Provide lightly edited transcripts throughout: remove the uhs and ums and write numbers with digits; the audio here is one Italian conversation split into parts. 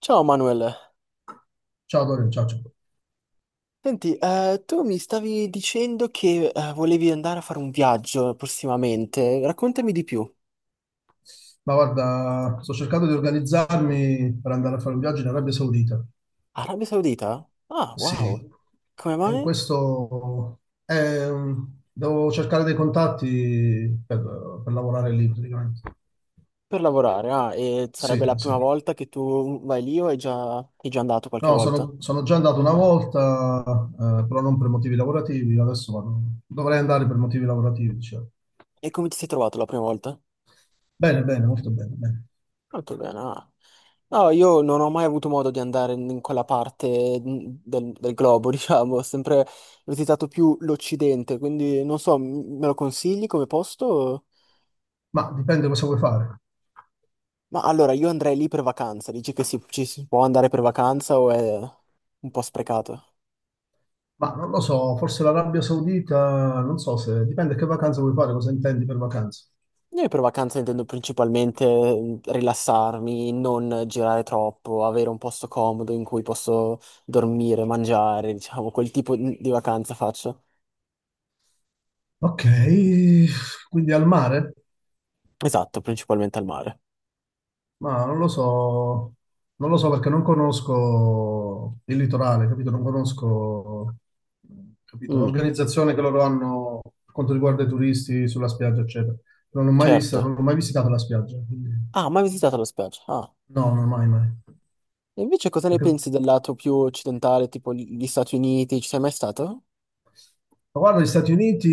Ciao Manuel, Ciao Dorian, ciao, ciao. senti, tu mi stavi dicendo che volevi andare a fare un viaggio prossimamente, raccontami di più. Ma guarda, sto cercando di organizzarmi per andare a fare un viaggio in Arabia Saudita. Arabia Saudita? Ah, wow, Sì, come e in mai? questo devo cercare dei contatti per lavorare lì praticamente. Per lavorare, ah, e sarebbe Sì, la sì. prima volta che tu vai lì o hai già andato qualche No, volta? sono già andato una volta, però non per motivi lavorativi. Dovrei andare per motivi lavorativi, diciamo. E come ti sei trovato la prima volta? Bene, bene, molto bene, bene. Molto bene, ah. No, io non ho mai avuto modo di andare in quella parte del globo, diciamo, ho sempre visitato più l'Occidente, quindi non so, me lo consigli come posto? Ma dipende cosa vuoi fare. Ma allora io andrei lì per vacanza, dici che ci si può andare per vacanza o è un po' sprecato? Ma non lo so, forse l'Arabia Saudita, non so se dipende che vacanza vuoi fare, cosa intendi per vacanza. Io per vacanza intendo principalmente rilassarmi, non girare troppo, avere un posto comodo in cui posso dormire, mangiare, diciamo, quel tipo di vacanza faccio. Ok, quindi al mare? Esatto, principalmente al mare. Ma non lo so, non lo so perché non conosco il litorale, capito? Non conosco, capito, Mm, l'organizzazione che loro hanno per quanto riguarda i turisti sulla spiaggia, eccetera. Non l'ho mai vista, certo. non ho mai visitato la spiaggia, quindi Ah, mai visitato la spiaggia? Ah. no, non mai, mai. E invece cosa ne Perché pensi del lato più occidentale, tipo gli Stati Uniti? Ci sei mai stato? Ma guarda, gli Stati Uniti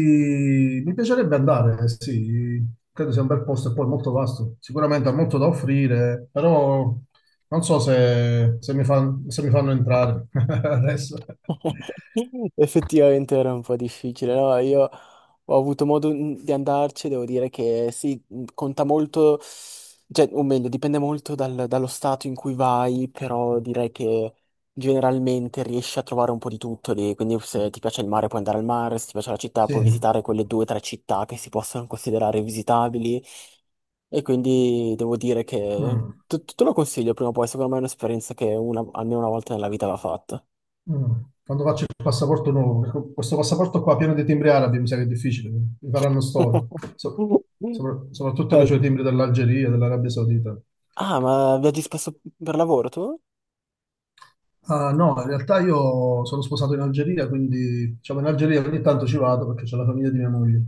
mi piacerebbe andare, sì, credo sia un bel posto e poi molto vasto, sicuramente ha molto da offrire, però non so se se mi fanno entrare adesso. Effettivamente era un po' difficile, no? Io ho avuto modo di andarci, devo dire che sì, mm, conta molto, cioè, o meglio, dipende molto dallo stato in cui vai, però direi che generalmente riesci a trovare un po' di tutto lì, quindi se ti piace il mare puoi andare al mare, se ti piace la città Sì. puoi visitare quelle due o tre città che si possono considerare visitabili e quindi devo dire che Mm, te lo consiglio prima o poi, secondo me è un'esperienza che almeno una volta nella vita va fatta. mm. Quando faccio il passaporto nuovo, ecco, questo passaporto qua pieno di timbri arabi mi sa che è difficile, mi faranno storia. So- Soprattutto che Eh, c'ho i timbri dell'Algeria, dell'Arabia Saudita. ah, ma viaggi spesso per lavoro tu? Ah, no, in realtà io sono sposato in Algeria, quindi diciamo in Algeria ogni tanto ci vado perché c'è la famiglia di mia moglie.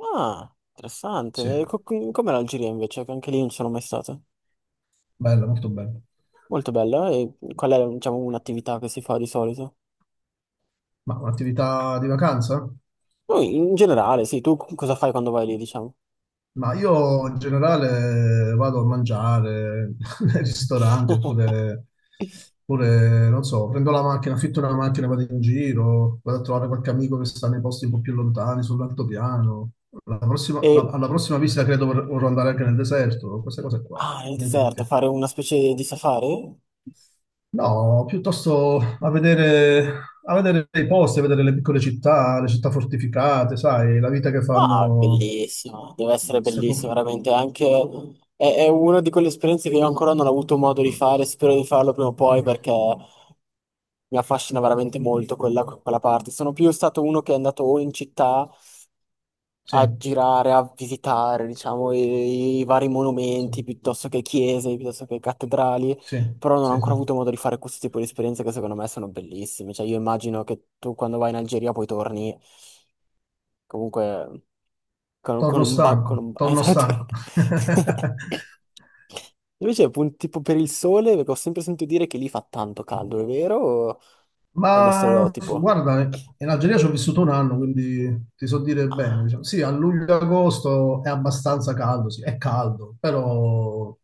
Ah, interessante. Sì, E com'è l'Algeria invece? Che anche lì non sono mai stato. bella, molto bella. Molto bella. E qual è, diciamo, un'attività che si fa di solito? Ma un'attività di vacanza? Poi, in generale, sì, tu cosa fai quando vai lì, diciamo? Ma io in generale vado a mangiare nei ristoranti oppure, non so, prendo la macchina, affitto una macchina, vado in giro, vado a trovare qualche amico che sta nei posti un po' più lontani, sull'altopiano. E, Alla prossima visita credo vorrò andare anche nel deserto, queste cose qua, ah, nel niente di deserto, che. fare una specie di safari? No, piuttosto a vedere i posti, a vedere le piccole città, le città fortificate, sai, la vita che Ah, fanno. bellissimo. Deve essere Se po- bellissimo, veramente. Anche... È, è una di quelle esperienze che io ancora non ho avuto modo di fare, spero di farlo prima o poi Mm. perché mi affascina veramente molto quella parte. Sono più stato uno che è andato o in città Sì, a girare, a visitare, diciamo, i vari sì, monumenti, piuttosto che chiese, piuttosto che cattedrali, sì, però non ho sì, sì. ancora avuto modo di fare questo tipo di esperienze che secondo me sono bellissime. Cioè, io immagino che tu quando vai in Algeria poi torni comunque con, Torno stanco, torno esatto. stanco. Invece, appunto, tipo per il sole, perché ho sempre sentito dire che lì fa tanto caldo, è vero? O è uno Ma stereotipo? guarda, in Algeria ci ho vissuto un anno, quindi ti so dire bene, diciamo. Sì, a luglio-agosto è abbastanza caldo, sì, è caldo, però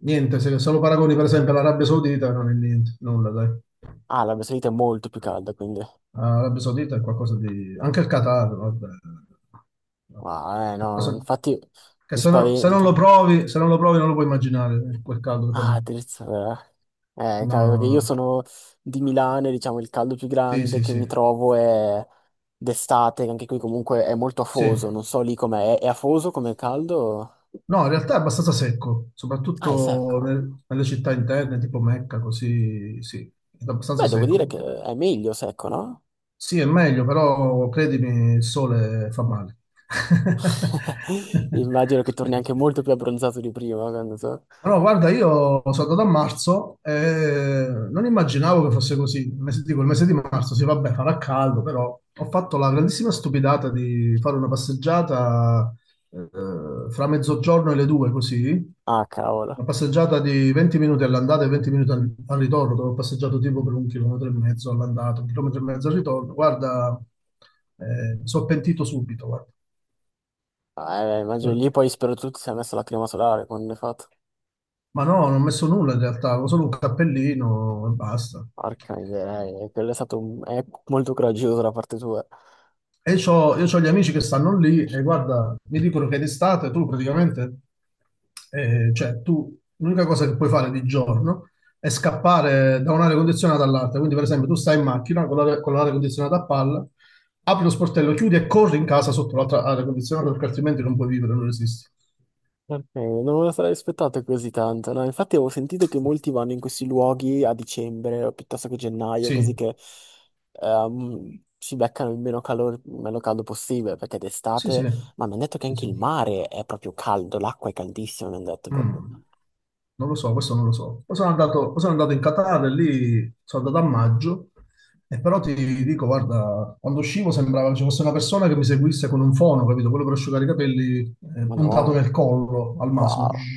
niente, se lo paragoni per esempio all'Arabia Saudita non è niente, nulla, dai. Ah, l'Arabia Saudita è molto più calda, quindi... L'Arabia Saudita è qualcosa di. Anche il Qatar, vabbè. Ah, no, Qualcosa infatti che mi se non lo spaventa. provi, se non lo provi non lo puoi immaginare, quel caldo che fa lì. Ah, terza... eh, No, cavolo, no, perché no. io No. sono di Milano e diciamo il caldo più Sì, grande sì, che mi sì. trovo è d'estate, che anche qui comunque è molto Sì. afoso, non so lì com'è. È afoso come caldo? No, in realtà è abbastanza secco, Ah, è soprattutto secco. Nelle città interne, tipo Mecca, così, sì, è abbastanza Beh, devo secco, dire un che po'. è meglio secco, no? Sì, è meglio, però credimi, il sole fa male. Immagino che torni anche molto più abbronzato di prima, quando so. Ma no, guarda, io sono andato a marzo e non immaginavo che fosse così. Il mese, dico, il mese di marzo, sì, vabbè, farà caldo, però ho fatto la grandissima stupidata di fare una passeggiata fra mezzogiorno e le due, così. Ah, cavolo. Una passeggiata di 20 minuti all'andata e 20 minuti al ritorno, dove ho passeggiato tipo per un chilometro e mezzo all'andata, un chilometro e mezzo al ritorno. Guarda, mi sono pentito subito, guarda. Ah, immagino lì poi spero tutti si è messo la crema solare quando è fatto. Ma no, non ho messo nulla in realtà, avevo solo un cappellino e basta. Porca miseria, quello è stato è molto coraggioso da parte tua. Io ho gli amici che stanno lì e guarda, mi dicono che d'estate tu praticamente, cioè tu, l'unica cosa che puoi fare di giorno è scappare da un'area condizionata all'altra. Quindi per esempio tu stai in macchina con l'aria condizionata a palla, apri lo sportello, chiudi e corri in casa sotto l'altra aria condizionata perché altrimenti non puoi vivere, non esisti. Non me lo sarei aspettato così tanto, no? Infatti avevo sentito che molti vanno in questi luoghi a dicembre o piuttosto che gennaio, così Sì, che si beccano il meno calore, il meno caldo possibile, perché sì, sì, d'estate... Ma mi hanno detto che sì, anche sì. il mare è proprio caldo, l'acqua è caldissima, mi hanno detto Mm. proprio. Non lo so, questo non lo so. Poi sono andato in Qatar e lì sono andato a maggio e però ti dico, guarda, quando uscivo sembrava che ci fosse una persona che mi seguisse con un fono, capito? Quello per asciugare i capelli puntato nel Madonna, collo al massimo. wow,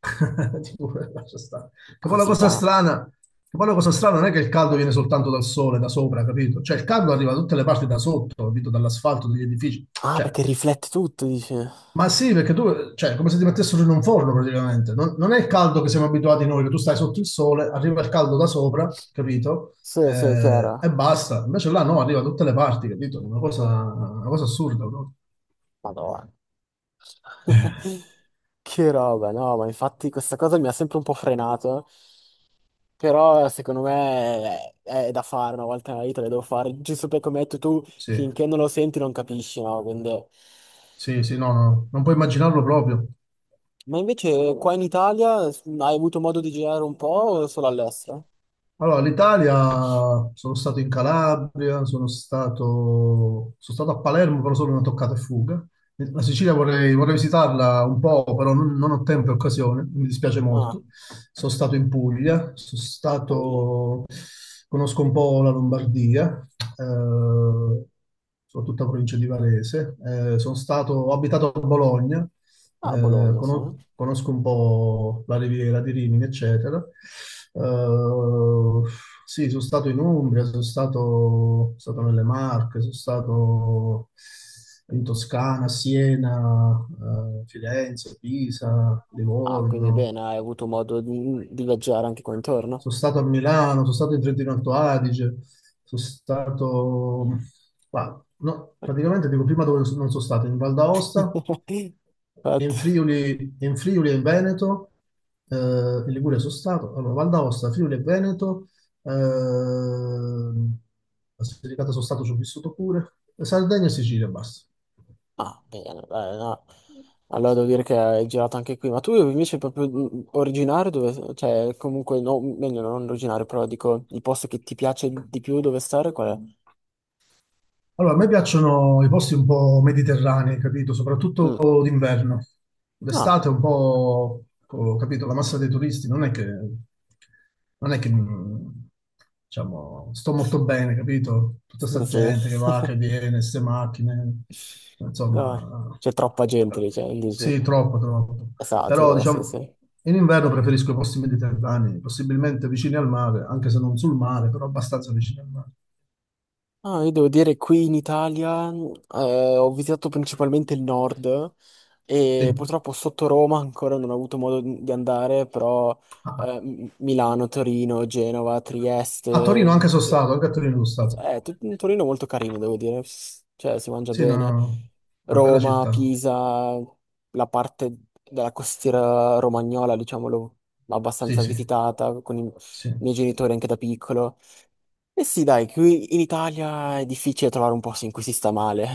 Tipo, lascia stare. Che poi la così cosa tanto. strana, che poi la cosa strana non è che il caldo viene soltanto dal sole, da sopra, capito? Cioè il caldo arriva da tutte le parti da sotto, capito? Dall'asfalto, dagli edifici. Ah, perché Cioè, riflette tutto, dice. ma sì, perché tu, cioè, è come se ti mettessero in un forno praticamente. Non è il caldo che siamo abituati noi, che tu stai sotto il sole, arriva il caldo da sopra, capito? Sì, sì, è E chiaro. basta. Invece là no, arriva da tutte le parti, capito? Una cosa assurda, no? Madonna. Eh, Che roba, no, ma infatti questa cosa mi ha sempre un po' frenato, però secondo me è da fare una volta nella vita, le devo fare, giusto perché come hai detto tu, sì, finché non lo senti non capisci, no? Quindi- sì, sì, no, no, non puoi immaginarlo proprio. Ma invece qua in Italia hai avuto modo di girare un po' o solo all'estero? Allora, l'Italia, sono stato in Calabria, sono stato a Palermo, però solo una toccata e fuga. La Sicilia vorrei visitarla un po', però non ho tempo e occasione, mi dispiace Ah, molto. Sono stato in Puglia, Bologna. Conosco un po' la Lombardia, eh, soprattutto la provincia di Varese. Sono stato, ho abitato a Bologna, Ah, Bologna, sì. Conosco un po' la Riviera di Rimini, eccetera. Eh, sì, sono stato in Umbria, sono stato nelle Marche, sono stato in Toscana, Siena, Firenze, Pisa, Ah, quindi Livorno, bene, hai avuto modo di viaggiare anche qua intorno? sono stato a Milano, sono stato in Trentino Alto Adige, sono stato. Qua, no, praticamente dico prima dove non sono stato, in Val d'Aosta, in Infatti- Friuli, in Friuli e in Veneto, in Liguria sono stato, allora Val d'Aosta, Friuli e Veneto, la Basilicata sono stato, ci ho vissuto pure, Sardegna e Sicilia, basta. Ah, bene, dai, no. Allora devo dire che hai girato anche qui, ma tu invece proprio originario dove, cioè comunque, no, meglio non originario, però dico, il posto che ti piace di più dove stare qual Allora, a me piacciono i posti un po' mediterranei, capito? è? Soprattutto Mm. d'inverno. Ah, D'estate un po', ho capito, la massa dei turisti non è che, non è che, mh, diciamo, sto molto bene, capito? Tutta sì, sta gente che sì. va, che viene, queste macchine, Dai. insomma, C'è troppa gente eh, lì, cioè, dici? sì, troppo, troppo. È Però, saturo, sì, diciamo, sì. in inverno preferisco i posti mediterranei, possibilmente vicini al mare, anche se non sul mare, però abbastanza vicini al mare. Ah, io devo dire qui in Italia ho visitato principalmente il nord, Sì. e purtroppo sotto Roma ancora non ho avuto modo di andare, però Ah, ah. Milano, Torino, Genova, A Torino anche Trieste. sono Eh, stato, anche a Torino sono stato. Torino è molto carino, devo dire. S- cioè, si mangia Sì, bene. una bella Roma, città. Pisa, la parte della costiera romagnola, diciamolo, Sì, abbastanza sì, visitata con i sì, miei genitori anche da piccolo. E sì, dai, qui in Italia è difficile trovare un posto in cui si sta male,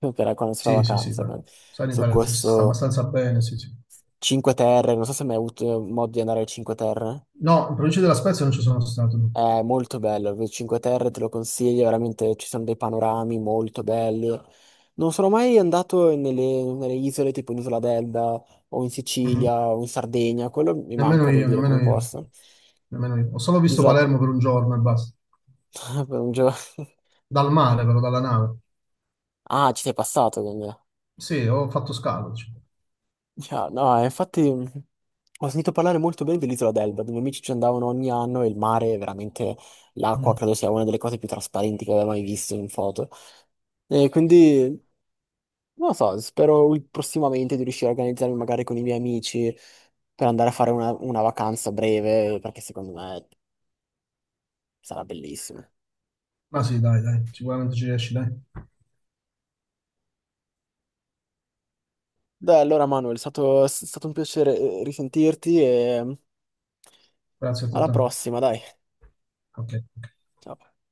per quando si fa sì, sì, sì, vacanza. dai. Sai, in Su Italia si sta questo. abbastanza bene, sì, sì. Cinque Terre, non so se hai mai avuto modo di andare alle Cinque Terre. No, in provincia della Spezia non ci sono stato, no. È molto bello, le Cinque Terre te lo consiglio, veramente ci sono dei panorami molto belli. Non sono mai andato nelle isole tipo in Isola d'Elba o in Mhm. Sicilia o in Sardegna, quello mi Nemmeno manca, devo io, dire, come nemmeno io, posto. nemmeno io. Ho solo visto L'isola... Palermo per un giorno e basta. per un gio- Dal mare, però, dalla nave. Ah, ci sei passato quindi. Sì, ho fatto scalo, diciamo. Yeah, no, infatti ho sentito parlare molto bene dell'isola d'Elba, dove i miei amici ci andavano ogni anno e il mare, è veramente, l'acqua Mm. credo sia una delle cose più trasparenti che avevo mai visto in foto. E quindi, non lo so, spero prossimamente di riuscire a organizzarmi magari con i miei amici per andare a fare una vacanza breve, perché secondo me sarà bellissimo. Ma sì, dai, dai, sicuramente ci riesci, dai. Dai, allora Manuel, è stato un piacere risentirti e mm, Grazie a alla tutti. Ok. prossima, dai. Ok. Ciao.